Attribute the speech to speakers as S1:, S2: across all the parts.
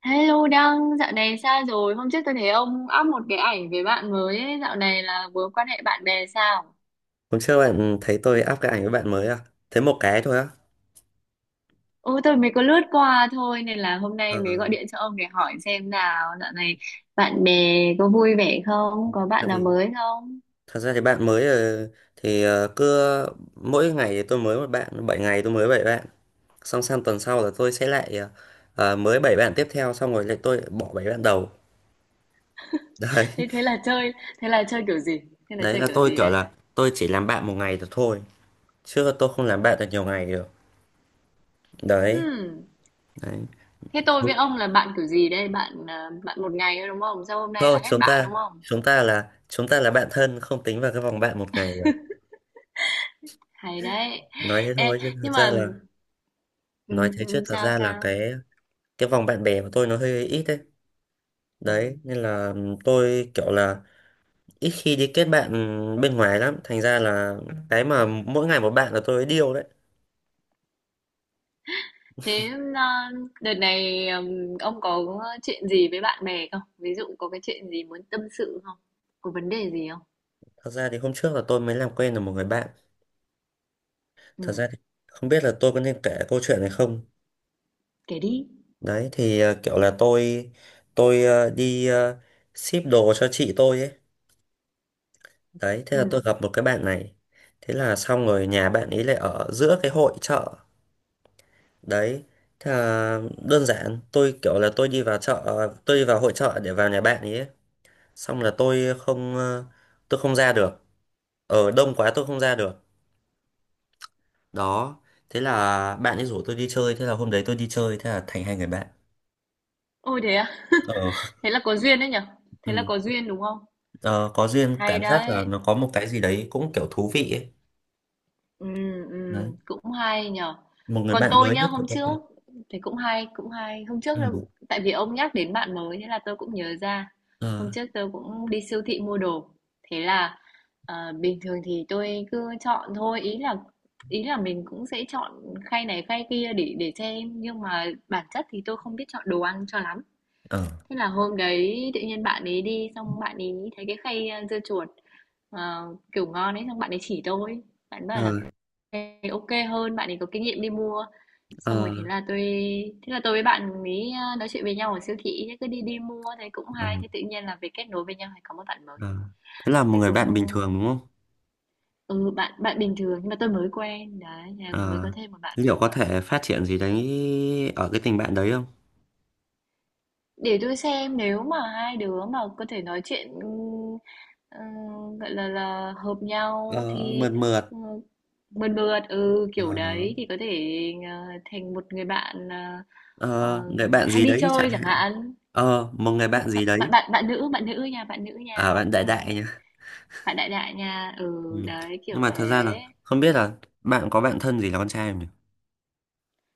S1: Hello Đăng, dạo này sao rồi? Hôm trước tôi thấy ông up một cái ảnh về bạn mới ấy. Dạo này là vừa quan hệ bạn bè sao?
S2: Hôm trước bạn thấy tôi up cái ảnh với bạn mới à? Thế một cái thôi á?
S1: Ừ, tôi mới có lướt qua thôi nên là hôm
S2: Ờ,
S1: nay mới gọi điện cho ông để hỏi xem nào dạo này bạn bè có vui vẻ không? Có
S2: Tại
S1: bạn nào
S2: vì
S1: mới không?
S2: thật ra thì bạn mới thì cứ mỗi ngày thì tôi mới một bạn, 7 ngày tôi mới 7 bạn. Xong sang tuần sau là tôi sẽ lại mới 7 bạn tiếp theo xong rồi lại tôi bỏ 7 bạn đầu. Đấy,
S1: Thế thế là chơi kiểu gì? Thế là
S2: đấy
S1: chơi
S2: là
S1: kiểu
S2: tôi
S1: gì
S2: kiểu
S1: đây?
S2: là tôi chỉ làm bạn một ngày được thôi. Chứ tôi không làm bạn được nhiều ngày được. Đấy,
S1: Hmm.
S2: đấy.
S1: Thế tôi với ông là bạn kiểu gì đây? Bạn à, bạn một ngày thôi đúng không? Sau hôm nay
S2: Thôi
S1: là hết
S2: chúng
S1: bạn
S2: ta
S1: đúng không?
S2: chúng ta là chúng ta là bạn thân không tính vào cái vòng bạn một ngày được.
S1: Hay đấy.
S2: Nói thế
S1: Ê,
S2: thôi chứ thật
S1: nhưng
S2: ra
S1: mà
S2: là
S1: ừ,
S2: nói thế chứ
S1: ừ,
S2: thật
S1: sao
S2: ra là
S1: sao?
S2: cái vòng bạn bè của tôi nó hơi ít đấy,
S1: Ừ.
S2: đấy nên là tôi kiểu là ít khi đi kết bạn bên ngoài lắm, thành ra là cái mà mỗi ngày một bạn là tôi điêu đấy.
S1: Thế à, đợt này ông có chuyện gì với bạn bè không? Ví dụ có cái chuyện gì muốn tâm sự không? Có vấn đề gì không?
S2: Thật ra thì hôm trước là tôi mới làm quen được một người bạn. Thật
S1: Ừ,
S2: ra thì không biết là tôi có nên kể câu chuyện này không.
S1: kể đi.
S2: Đấy thì kiểu là tôi đi ship đồ cho chị tôi ấy. Đấy thế
S1: Ừ.
S2: là tôi gặp một cái bạn này. Thế là xong rồi nhà bạn ấy lại ở giữa cái hội chợ đấy. Thế là đơn giản tôi kiểu là tôi đi vào chợ, tôi đi vào hội chợ để vào nhà bạn ấy ấy. Xong là tôi không tôi không ra được, ở đông quá tôi không ra được. Đó, thế là bạn ấy rủ tôi đi chơi, thế là hôm đấy tôi đi chơi, thế là thành hai người bạn.
S1: Ôi thế à?
S2: Ờ,
S1: Thế là có duyên đấy nhở? Thế là
S2: ừ.
S1: có duyên đúng không?
S2: Ờ, có duyên,
S1: Hay
S2: cảm giác là
S1: đấy.
S2: nó có một cái gì đấy cũng kiểu thú vị ấy.
S1: Ừ,
S2: Đấy,
S1: cũng hay nhở.
S2: một người
S1: Còn
S2: bạn
S1: tôi
S2: mới
S1: nhá,
S2: nhất của
S1: hôm
S2: tôi.
S1: trước thì cũng hay, cũng hay. Hôm trước
S2: Ừ.
S1: tôi cũng, tại vì ông nhắc đến bạn mới thế là tôi cũng nhớ ra.
S2: Ờ,
S1: Hôm trước tôi cũng đi siêu thị mua đồ. Thế là à, bình thường thì tôi cứ chọn thôi, ý là mình cũng sẽ chọn khay này khay kia để xem nhưng mà bản chất thì tôi không biết chọn đồ ăn cho lắm.
S2: ờ,
S1: Thế là hôm đấy tự nhiên bạn ấy đi xong bạn ấy thấy cái khay dưa chuột kiểu ngon ấy xong bạn ấy chỉ tôi. Bạn bảo
S2: ờ,
S1: là kiểu "Ê, ok hơn, bạn ấy có kinh nghiệm đi mua. Xong rồi
S2: ờ,
S1: thế là tôi với bạn ấy nói chuyện với nhau ở siêu thị thế cứ đi đi mua thấy cũng
S2: ờ,
S1: hay thế tự nhiên là về kết nối với nhau thì có một bạn mới.
S2: ờ. Thế là một
S1: Thế
S2: người
S1: cũng
S2: bạn bình thường đúng không?
S1: ừ bạn bạn bình thường nhưng mà tôi mới quen đấy, thế là mới
S2: Ờ,
S1: có thêm một bạn
S2: liệu có
S1: mới.
S2: thể phát triển gì đấy ở cái tình bạn đấy không?
S1: Để tôi xem nếu mà hai đứa mà có thể nói chuyện gọi là hợp nhau
S2: Ờ,
S1: thì
S2: mượt mượt.
S1: ừ, mượt mượt ừ kiểu
S2: Ờ, đó.
S1: đấy thì có thể ờ, thành một người bạn ờ,
S2: Ờ, người bạn
S1: hay
S2: gì
S1: đi
S2: đấy chẳng
S1: chơi chẳng
S2: hạn.
S1: hạn
S2: Ờ, một người bạn gì
S1: Hợ- bạn
S2: đấy.
S1: bạn bạn nữ
S2: À,
S1: nha
S2: bạn đại
S1: đấy
S2: đại nhá.
S1: bạn đại đại nha
S2: Ừ.
S1: ừ đấy
S2: Nhưng
S1: kiểu
S2: mà thật ra là
S1: thế.
S2: không biết là bạn có bạn thân gì là con trai không nhỉ?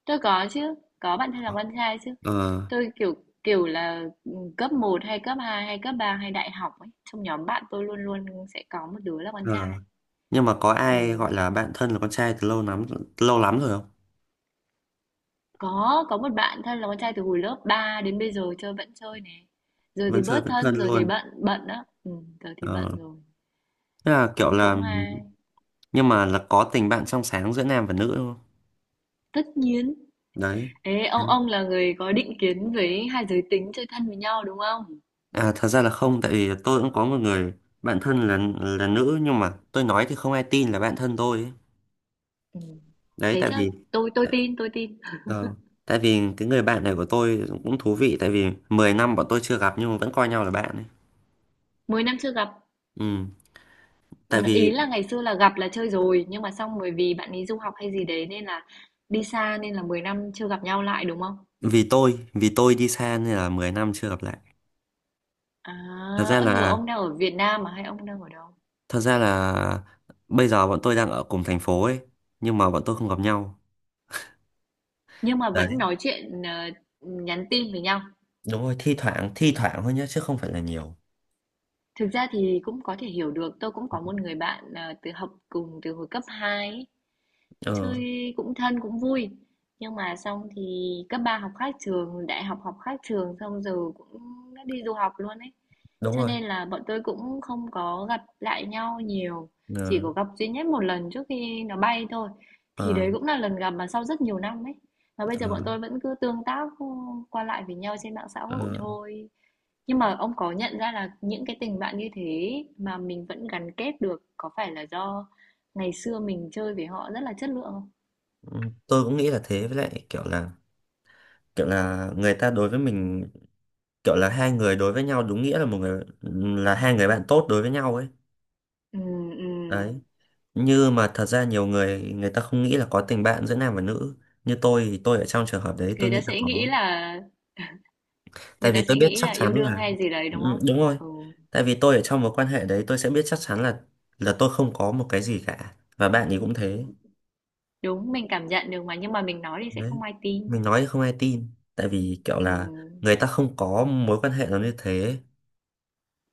S1: Tôi có chứ, có bạn thân là con trai chứ.
S2: Ờ,
S1: Tôi kiểu kiểu là ừ, cấp một hay cấp 2 hay cấp 3 hay đại học ấy, trong nhóm bạn tôi luôn luôn sẽ có một đứa là con trai.
S2: ờ. Nhưng mà có
S1: Ừ.
S2: ai gọi là bạn thân là con trai từ lâu lắm, lâu lắm rồi không?
S1: Có một bạn thân là con trai từ hồi lớp 3 đến bây giờ chơi vẫn chơi này. Giờ thì
S2: Vẫn chơi
S1: bớt
S2: vẫn
S1: thân,
S2: thân
S1: giờ thì
S2: luôn.
S1: bận bận đó. Ừ, giờ thì
S2: Ờ.
S1: bận rồi.
S2: Tức là kiểu
S1: Cũng
S2: là
S1: cũng hay.
S2: nhưng mà là có tình bạn trong sáng giữa nam và nữ đúng không?
S1: Tất nhiên.
S2: Đấy.
S1: Ê, ông là người có định kiến với hai giới tính chơi thân với nhau đúng không?
S2: À, thật ra là không, tại vì tôi cũng có một người bạn thân là nữ nhưng mà tôi nói thì không ai tin là bạn thân tôi ấy.
S1: Ừ.
S2: Đấy,
S1: Thế
S2: tại
S1: chắc
S2: vì
S1: tôi tin, tôi tin.
S2: ờ, tại vì cái người bạn này của tôi cũng thú vị, tại vì 10 năm bọn tôi chưa gặp nhưng mà vẫn coi nhau là bạn ấy.
S1: 10 năm chưa gặp.
S2: Ừ, tại
S1: Ừm,
S2: vì
S1: ý là ngày xưa là gặp là chơi rồi, nhưng mà xong bởi vì bạn ấy du học hay gì đấy nên là đi xa nên là 10 năm chưa gặp nhau lại đúng không?
S2: vì tôi đi xa nên là 10 năm chưa gặp lại.
S1: À,
S2: Thật ra
S1: ơ, giờ
S2: là
S1: ông đang ở Việt Nam mà hay ông đang ở đâu?
S2: thật ra là bây giờ bọn tôi đang ở cùng thành phố ấy, nhưng mà bọn tôi không gặp nhau.
S1: Nhưng mà
S2: Đấy,
S1: vẫn nói chuyện, nhắn tin với nhau.
S2: đúng rồi, thi thoảng thôi nhá chứ không phải là nhiều.
S1: Thực ra thì cũng có thể hiểu được, tôi cũng có một người bạn, từ học cùng từ hồi cấp 2 ấy.
S2: Ờ,
S1: Chơi cũng thân cũng vui. Nhưng mà xong thì cấp 3 học khác trường, đại học học khác trường xong giờ cũng đã đi du học luôn ấy.
S2: đúng
S1: Cho
S2: rồi.
S1: nên là bọn tôi cũng không có gặp lại nhau nhiều, chỉ
S2: Ờ,
S1: có gặp duy nhất một lần trước khi nó bay thôi. Thì
S2: ờ.
S1: đấy cũng là lần gặp mà sau rất nhiều năm ấy. Và bây giờ bọn
S2: Ờ,
S1: tôi vẫn cứ tương tác qua lại với nhau trên mạng xã
S2: ờ,
S1: hội thôi. Nhưng mà ông có nhận ra là những cái tình bạn như thế mà mình vẫn gắn kết được có phải là do ngày xưa mình chơi với họ rất là chất lượng không?
S2: ừ, tôi cũng nghĩ là thế với lại kiểu là người ta đối với mình, kiểu là hai người đối với nhau đúng nghĩa là một người, là hai người bạn tốt đối với nhau ấy.
S1: Ừ, ừ.
S2: Đấy, như mà thật ra nhiều người người ta không nghĩ là có tình bạn giữa nam và nữ, như tôi thì tôi ở trong trường hợp đấy tôi
S1: Người ta
S2: nghĩ là
S1: sẽ nghĩ
S2: có,
S1: là Người
S2: tại
S1: ta
S2: vì
S1: sẽ
S2: tôi biết
S1: nghĩ
S2: chắc
S1: là yêu
S2: chắn
S1: đương
S2: là
S1: hay gì đấy đúng
S2: ừ,
S1: không?
S2: đúng rồi,
S1: Ừ,
S2: tại vì tôi ở trong mối quan hệ đấy tôi sẽ biết chắc chắn là tôi không có một cái gì cả và bạn ấy cũng thế.
S1: đúng mình cảm nhận được mà nhưng mà mình nói thì sẽ
S2: Đấy.
S1: không ai
S2: Mình
S1: tin.
S2: nói không ai tin tại vì kiểu
S1: Ừ,
S2: là người ta không có mối quan hệ nó như thế.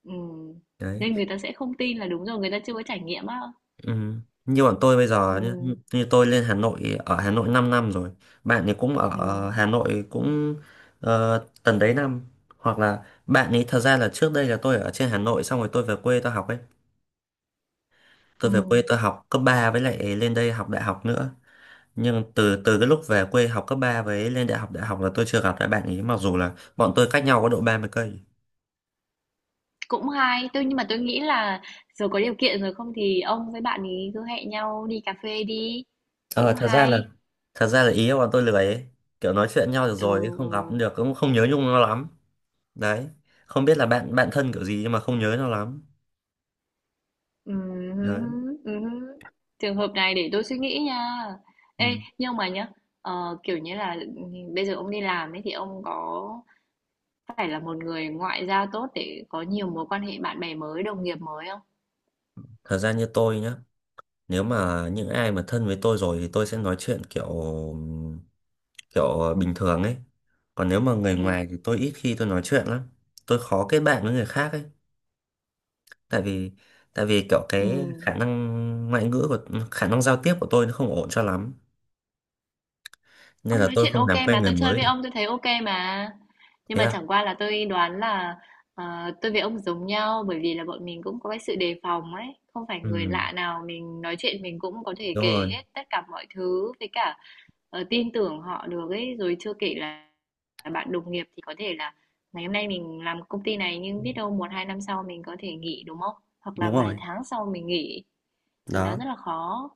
S1: ừ.
S2: Đấy.
S1: Nên người ta sẽ không tin là đúng rồi, người ta chưa có trải nghiệm á.
S2: Ừ. Như bọn tôi bây
S1: Ừ,
S2: giờ nhá, như, như tôi lên Hà Nội, ở Hà Nội 5 năm rồi, bạn ấy cũng
S1: ừ,
S2: ở Hà Nội cũng tầm đấy năm, hoặc là bạn ấy thật ra là trước đây là tôi ở trên Hà Nội xong rồi tôi về quê tôi học ấy, tôi về quê
S1: ừ.
S2: tôi học cấp 3 với lại lên đây học đại học nữa. Nhưng từ từ cái lúc về quê học cấp 3 với lên đại học là tôi chưa gặp lại bạn ấy mặc dù là bọn tôi cách nhau có độ 30 cây.
S1: Cũng hay, nhưng mà tôi nghĩ là giờ có điều kiện rồi không thì ông với bạn ấy cứ hẹn nhau đi cà phê đi.
S2: Ờ,
S1: Cũng hay.
S2: thật ra là ý là bọn tôi lười ấy. Kiểu nói chuyện nhau được
S1: Ừ,
S2: rồi không gặp cũng
S1: ừ.
S2: được, cũng không nhớ nhung nó lắm. Đấy, không biết là bạn bạn thân kiểu gì nhưng mà không nhớ nó lắm. Đấy.
S1: Ừm, ừm. Trường hợp này để tôi suy nghĩ nha. Ê,
S2: Ừ.
S1: nhưng mà nhá, kiểu như là bây giờ ông đi làm ấy thì ông có phải là một người ngoại giao tốt để có nhiều mối quan hệ bạn bè mới, đồng nghiệp mới không?
S2: Thật ra như tôi nhá, nếu mà những ai mà thân với tôi rồi thì tôi sẽ nói chuyện kiểu kiểu bình thường ấy, còn nếu mà người
S1: Ừ.
S2: ngoài thì tôi ít khi tôi nói chuyện lắm. Tôi khó kết bạn với người khác ấy, tại vì tại vì kiểu
S1: Ừ.
S2: cái khả năng ngoại ngữ của khả năng giao tiếp của tôi nó không ổn cho lắm, nên
S1: Ông
S2: là
S1: nói
S2: tôi
S1: chuyện
S2: không
S1: OK
S2: làm quen
S1: mà,
S2: người
S1: tôi chơi
S2: mới
S1: với
S2: được.
S1: ông tôi thấy OK mà. Nhưng
S2: Thế
S1: mà
S2: à?
S1: chẳng qua là tôi đoán là tôi với ông giống nhau bởi vì là bọn mình cũng có cái sự đề phòng ấy, không phải người
S2: Ừ,
S1: lạ nào mình nói chuyện mình cũng có thể
S2: đúng
S1: kể
S2: rồi,
S1: hết tất cả mọi thứ với cả tin tưởng họ được ấy, rồi chưa kể là, bạn đồng nghiệp thì có thể là ngày hôm nay mình làm công ty này nhưng biết đâu một hai năm sau mình có thể nghỉ đúng không? Hoặc là
S2: đúng
S1: vài
S2: rồi.
S1: tháng sau mình nghỉ thì nó
S2: Đó,
S1: rất là khó.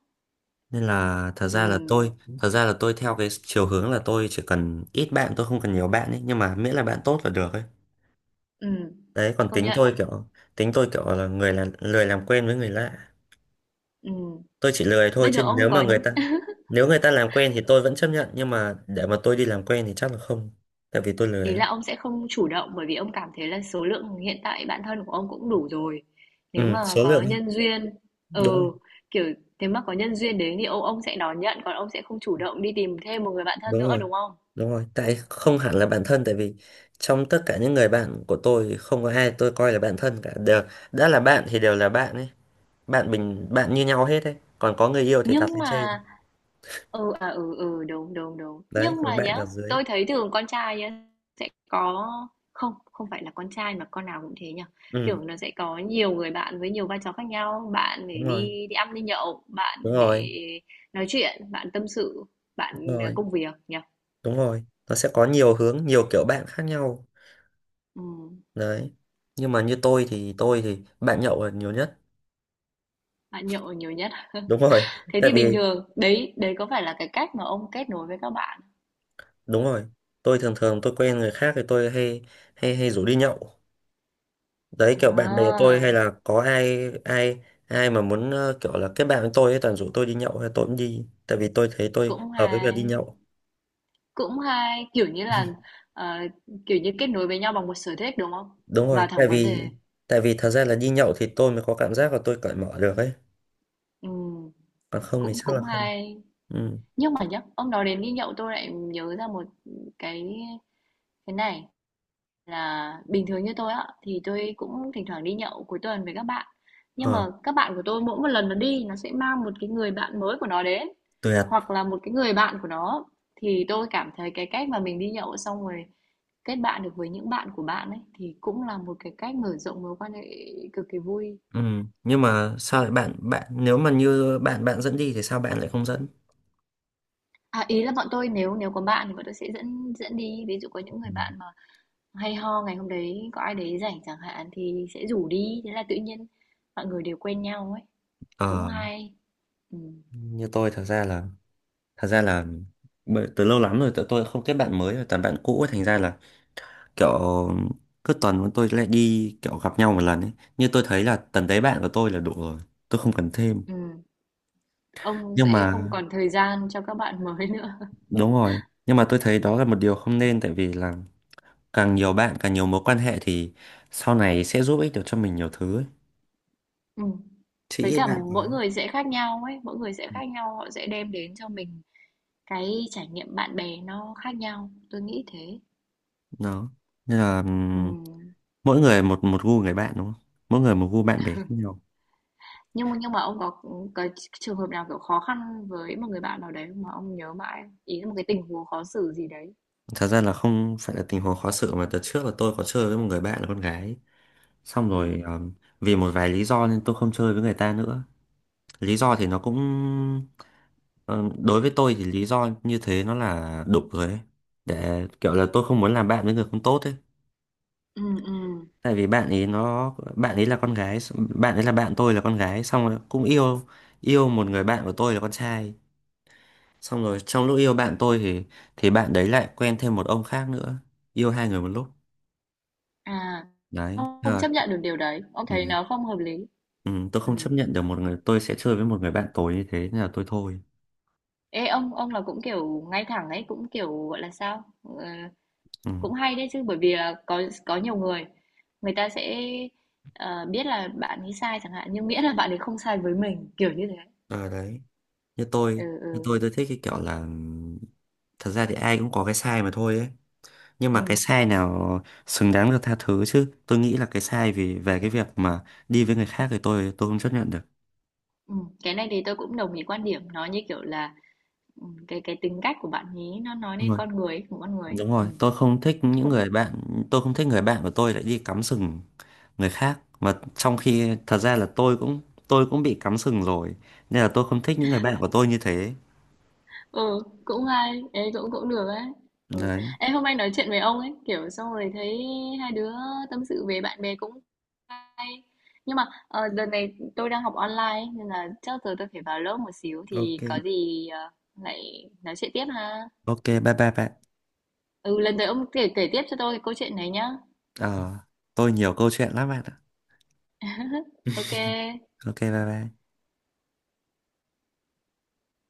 S2: nên là thật
S1: Ừ,
S2: ra là tôi thật ra là tôi theo cái chiều hướng là tôi chỉ cần ít bạn, tôi không cần nhiều bạn ấy, nhưng mà miễn là bạn tốt là được ấy.
S1: ừ,
S2: Đấy, còn
S1: công nhận.
S2: tính tôi kiểu là người là lười làm quen với người lạ.
S1: Ừ.
S2: Tôi chỉ lười thôi,
S1: Bây giờ
S2: chứ
S1: ông
S2: nếu mà
S1: có
S2: người ta nếu người ta làm quen thì tôi vẫn chấp nhận, nhưng mà để mà tôi đi làm quen thì chắc là không, tại vì tôi lười
S1: ý
S2: lắm.
S1: là ông sẽ không chủ động bởi vì ông cảm thấy là số lượng hiện tại bạn thân của ông cũng đủ rồi. Nếu
S2: Ừ,
S1: mà
S2: số
S1: có
S2: lượng ấy.
S1: nhân duyên,
S2: Đúng,
S1: ừ, kiểu nếu mà có nhân duyên đến thì ông sẽ đón nhận còn ông sẽ không chủ động đi tìm thêm một người bạn thân
S2: đúng
S1: nữa
S2: rồi,
S1: đúng không?
S2: đúng rồi tại không hẳn là bạn thân, tại vì trong tất cả những người bạn của tôi thì không có ai tôi coi là bạn thân cả, đều đã là bạn thì đều là bạn ấy. Bạn bình bạn như nhau hết ấy, còn có người yêu thì đặt
S1: Nhưng
S2: lên trên.
S1: mà ừ, à, ừ, ừ, đúng, đúng, đúng.
S2: Đấy,
S1: Nhưng
S2: còn
S1: mà
S2: bạn
S1: nhá,
S2: ở dưới.
S1: tôi thấy thường con trai nhá, sẽ có không không phải là con trai mà con nào cũng thế nhỉ
S2: Ừ,
S1: kiểu nó sẽ có nhiều người bạn với nhiều vai trò khác nhau bạn để
S2: đúng rồi,
S1: đi đi ăn đi nhậu bạn
S2: đúng
S1: để
S2: rồi,
S1: nói chuyện bạn tâm sự
S2: đúng
S1: bạn
S2: rồi,
S1: công việc nhỉ
S2: đúng rồi, nó sẽ có nhiều hướng nhiều kiểu bạn khác nhau.
S1: ừ,
S2: Đấy, nhưng mà như tôi thì bạn nhậu là nhiều nhất.
S1: bạn nhậu nhiều nhất
S2: Đúng rồi,
S1: thế
S2: tại
S1: thì
S2: vì
S1: bình thường đấy đấy có phải là cái cách mà ông kết nối với các bạn
S2: đúng rồi tôi thường thường tôi quen người khác thì tôi hay hay hay rủ đi nhậu. Đấy, kiểu bạn bè tôi
S1: à
S2: hay là có ai ai ai mà muốn kiểu là kết bạn với tôi ấy toàn rủ tôi đi nhậu hay tôi cũng đi, tại vì tôi thấy tôi
S1: cũng
S2: hợp với việc đi
S1: hay.
S2: nhậu.
S1: Cũng hay, kiểu như là, ờ, kiểu như, kết nối với nhau bằng một sở thích, đúng không?
S2: Đúng rồi,
S1: Vào
S2: tại
S1: thẳng vấn
S2: vì
S1: đề.
S2: tại vì thật ra là đi nhậu thì tôi mới có cảm giác là tôi cởi mở được ấy,
S1: Ừm,
S2: còn không thì
S1: cũng
S2: chắc là
S1: cũng
S2: không.
S1: hay.
S2: Ừ.
S1: Nhưng mà nhá, ông nói đến đi nhậu tôi lại nhớ ra một cái cái này là bình thường như tôi á thì tôi cũng thỉnh thoảng đi nhậu cuối tuần với các bạn. Nhưng
S2: Ờ,
S1: mà các bạn của tôi mỗi một lần nó đi nó sẽ mang một cái người bạn mới của nó đến
S2: tuyệt.
S1: hoặc là một cái người bạn của nó thì tôi cảm thấy cái cách mà mình đi nhậu xong rồi kết bạn được với những bạn của bạn ấy thì cũng là một cái cách mở rộng mối quan hệ cực kỳ vui.
S2: Ừ, nhưng mà sao lại bạn bạn nếu mà như bạn bạn dẫn đi thì sao bạn lại không dẫn?
S1: À, ý là bọn tôi nếu nếu có bạn thì bọn tôi sẽ dẫn dẫn đi ví dụ có những
S2: Ừ.
S1: người bạn mà hay ho ngày hôm đấy có ai đấy rảnh chẳng hạn thì sẽ rủ đi thế là tự nhiên mọi người đều quen nhau ấy cũng
S2: Ờ,
S1: hay ừ.
S2: như tôi thật ra là bởi từ lâu lắm rồi tụi tôi không kết bạn mới rồi toàn bạn cũ ấy, thành ra là kiểu cứ tuần bọn tôi lại đi kiểu gặp nhau một lần ấy, như tôi thấy là tầm đấy bạn của tôi là đủ rồi, tôi không cần thêm.
S1: Ừ. Ông
S2: Nhưng
S1: sẽ
S2: mà
S1: không còn thời gian cho các bạn mới nữa.
S2: đúng rồi, nhưng mà tôi thấy đó là một điều không nên, tại vì là càng nhiều bạn càng nhiều mối quan hệ thì sau này sẽ giúp ích được cho mình nhiều thứ ấy.
S1: Ừ.
S2: Chị
S1: Với
S2: ít
S1: cả
S2: bạn quá.
S1: mỗi người sẽ khác nhau ấy mỗi người sẽ khác nhau họ sẽ đem đến cho mình cái trải nghiệm bạn bè nó khác nhau tôi nghĩ thế.
S2: Đó, nên là
S1: Ừ.
S2: mỗi người một một gu người bạn đúng không? Mỗi người một gu bạn bè khác nhau.
S1: Nhưng mà ông có trường hợp nào kiểu khó khăn với một người bạn nào đấy mà ông nhớ mãi không? Ý là một cái tình huống khó xử gì đấy.
S2: Thật ra là không phải là tình huống khó xử mà từ trước là tôi có chơi với một người bạn là con gái, xong
S1: Ừ.
S2: rồi vì một vài lý do nên tôi không chơi với người ta nữa. Lý do thì nó cũng ờ, đối với tôi thì lý do như thế nó là đục rồi ấy, để kiểu là tôi không muốn làm bạn với người không tốt ấy.
S1: Ừ, ừ.
S2: Tại vì bạn ấy nó bạn ấy là con gái, bạn ấy là bạn tôi là con gái xong rồi cũng yêu, yêu một người bạn của tôi là con trai, xong rồi trong lúc yêu bạn tôi thì bạn đấy lại quen thêm một ông khác nữa, yêu hai người một lúc.
S1: À.
S2: Đấy.
S1: Ông không
S2: Ờ,
S1: chấp nhận được điều đấy, ông
S2: ừ.
S1: thấy nó không hợp lý.
S2: Ừ, tôi
S1: Ừ.
S2: không chấp nhận được một người tôi sẽ chơi với một người bạn tối như thế nên là tôi thôi.
S1: Ê ông là cũng kiểu ngay thẳng ấy, cũng kiểu gọi là sao? Ờ,
S2: Ừ.
S1: cũng hay đấy chứ bởi vì là có nhiều người người ta sẽ biết là bạn ấy sai chẳng hạn nhưng miễn là bạn ấy không sai với mình kiểu như thế.
S2: À, đấy, như
S1: Ừ
S2: tôi như
S1: ừ.
S2: tôi thích cái kiểu là thật ra thì ai cũng có cái sai mà thôi ấy, nhưng mà cái
S1: Ừ,
S2: sai nào xứng đáng được tha thứ chứ tôi nghĩ là cái sai vì về cái việc mà đi với người khác thì tôi không chấp nhận được.
S1: ừ. Cái này thì tôi cũng đồng ý quan điểm, nó như kiểu là ừ, cái tính cách của bạn ấy nó nói
S2: Đúng
S1: lên
S2: rồi,
S1: con người ấy, của con người ấy.
S2: đúng rồi,
S1: Ừ.
S2: tôi không thích những
S1: Cũng
S2: người bạn tôi không thích người bạn của tôi lại đi cắm sừng người khác, mà trong khi thật ra là tôi cũng bị cắm sừng rồi, nên là tôi không thích những người bạn của tôi như thế.
S1: Ừ, cũng hay, ê cũng cũng được ấy. Ừ.
S2: Đấy.
S1: Em hôm nay nói chuyện với ông ấy, kiểu xong rồi thấy hai đứa tâm sự về bạn bè cũng nhưng mà đợt này tôi đang học online ấy, nên là chắc giờ tôi phải vào lớp một xíu thì
S2: OK.
S1: có gì lại nói chuyện tiếp ha.
S2: OK, bye bye bạn.
S1: Ừ, lần tới ông kể kể tiếp cho tôi cái câu chuyện này nhá.
S2: Ờ, tôi nhiều câu chuyện lắm bạn ạ.
S1: Ok.
S2: OK, bye bye.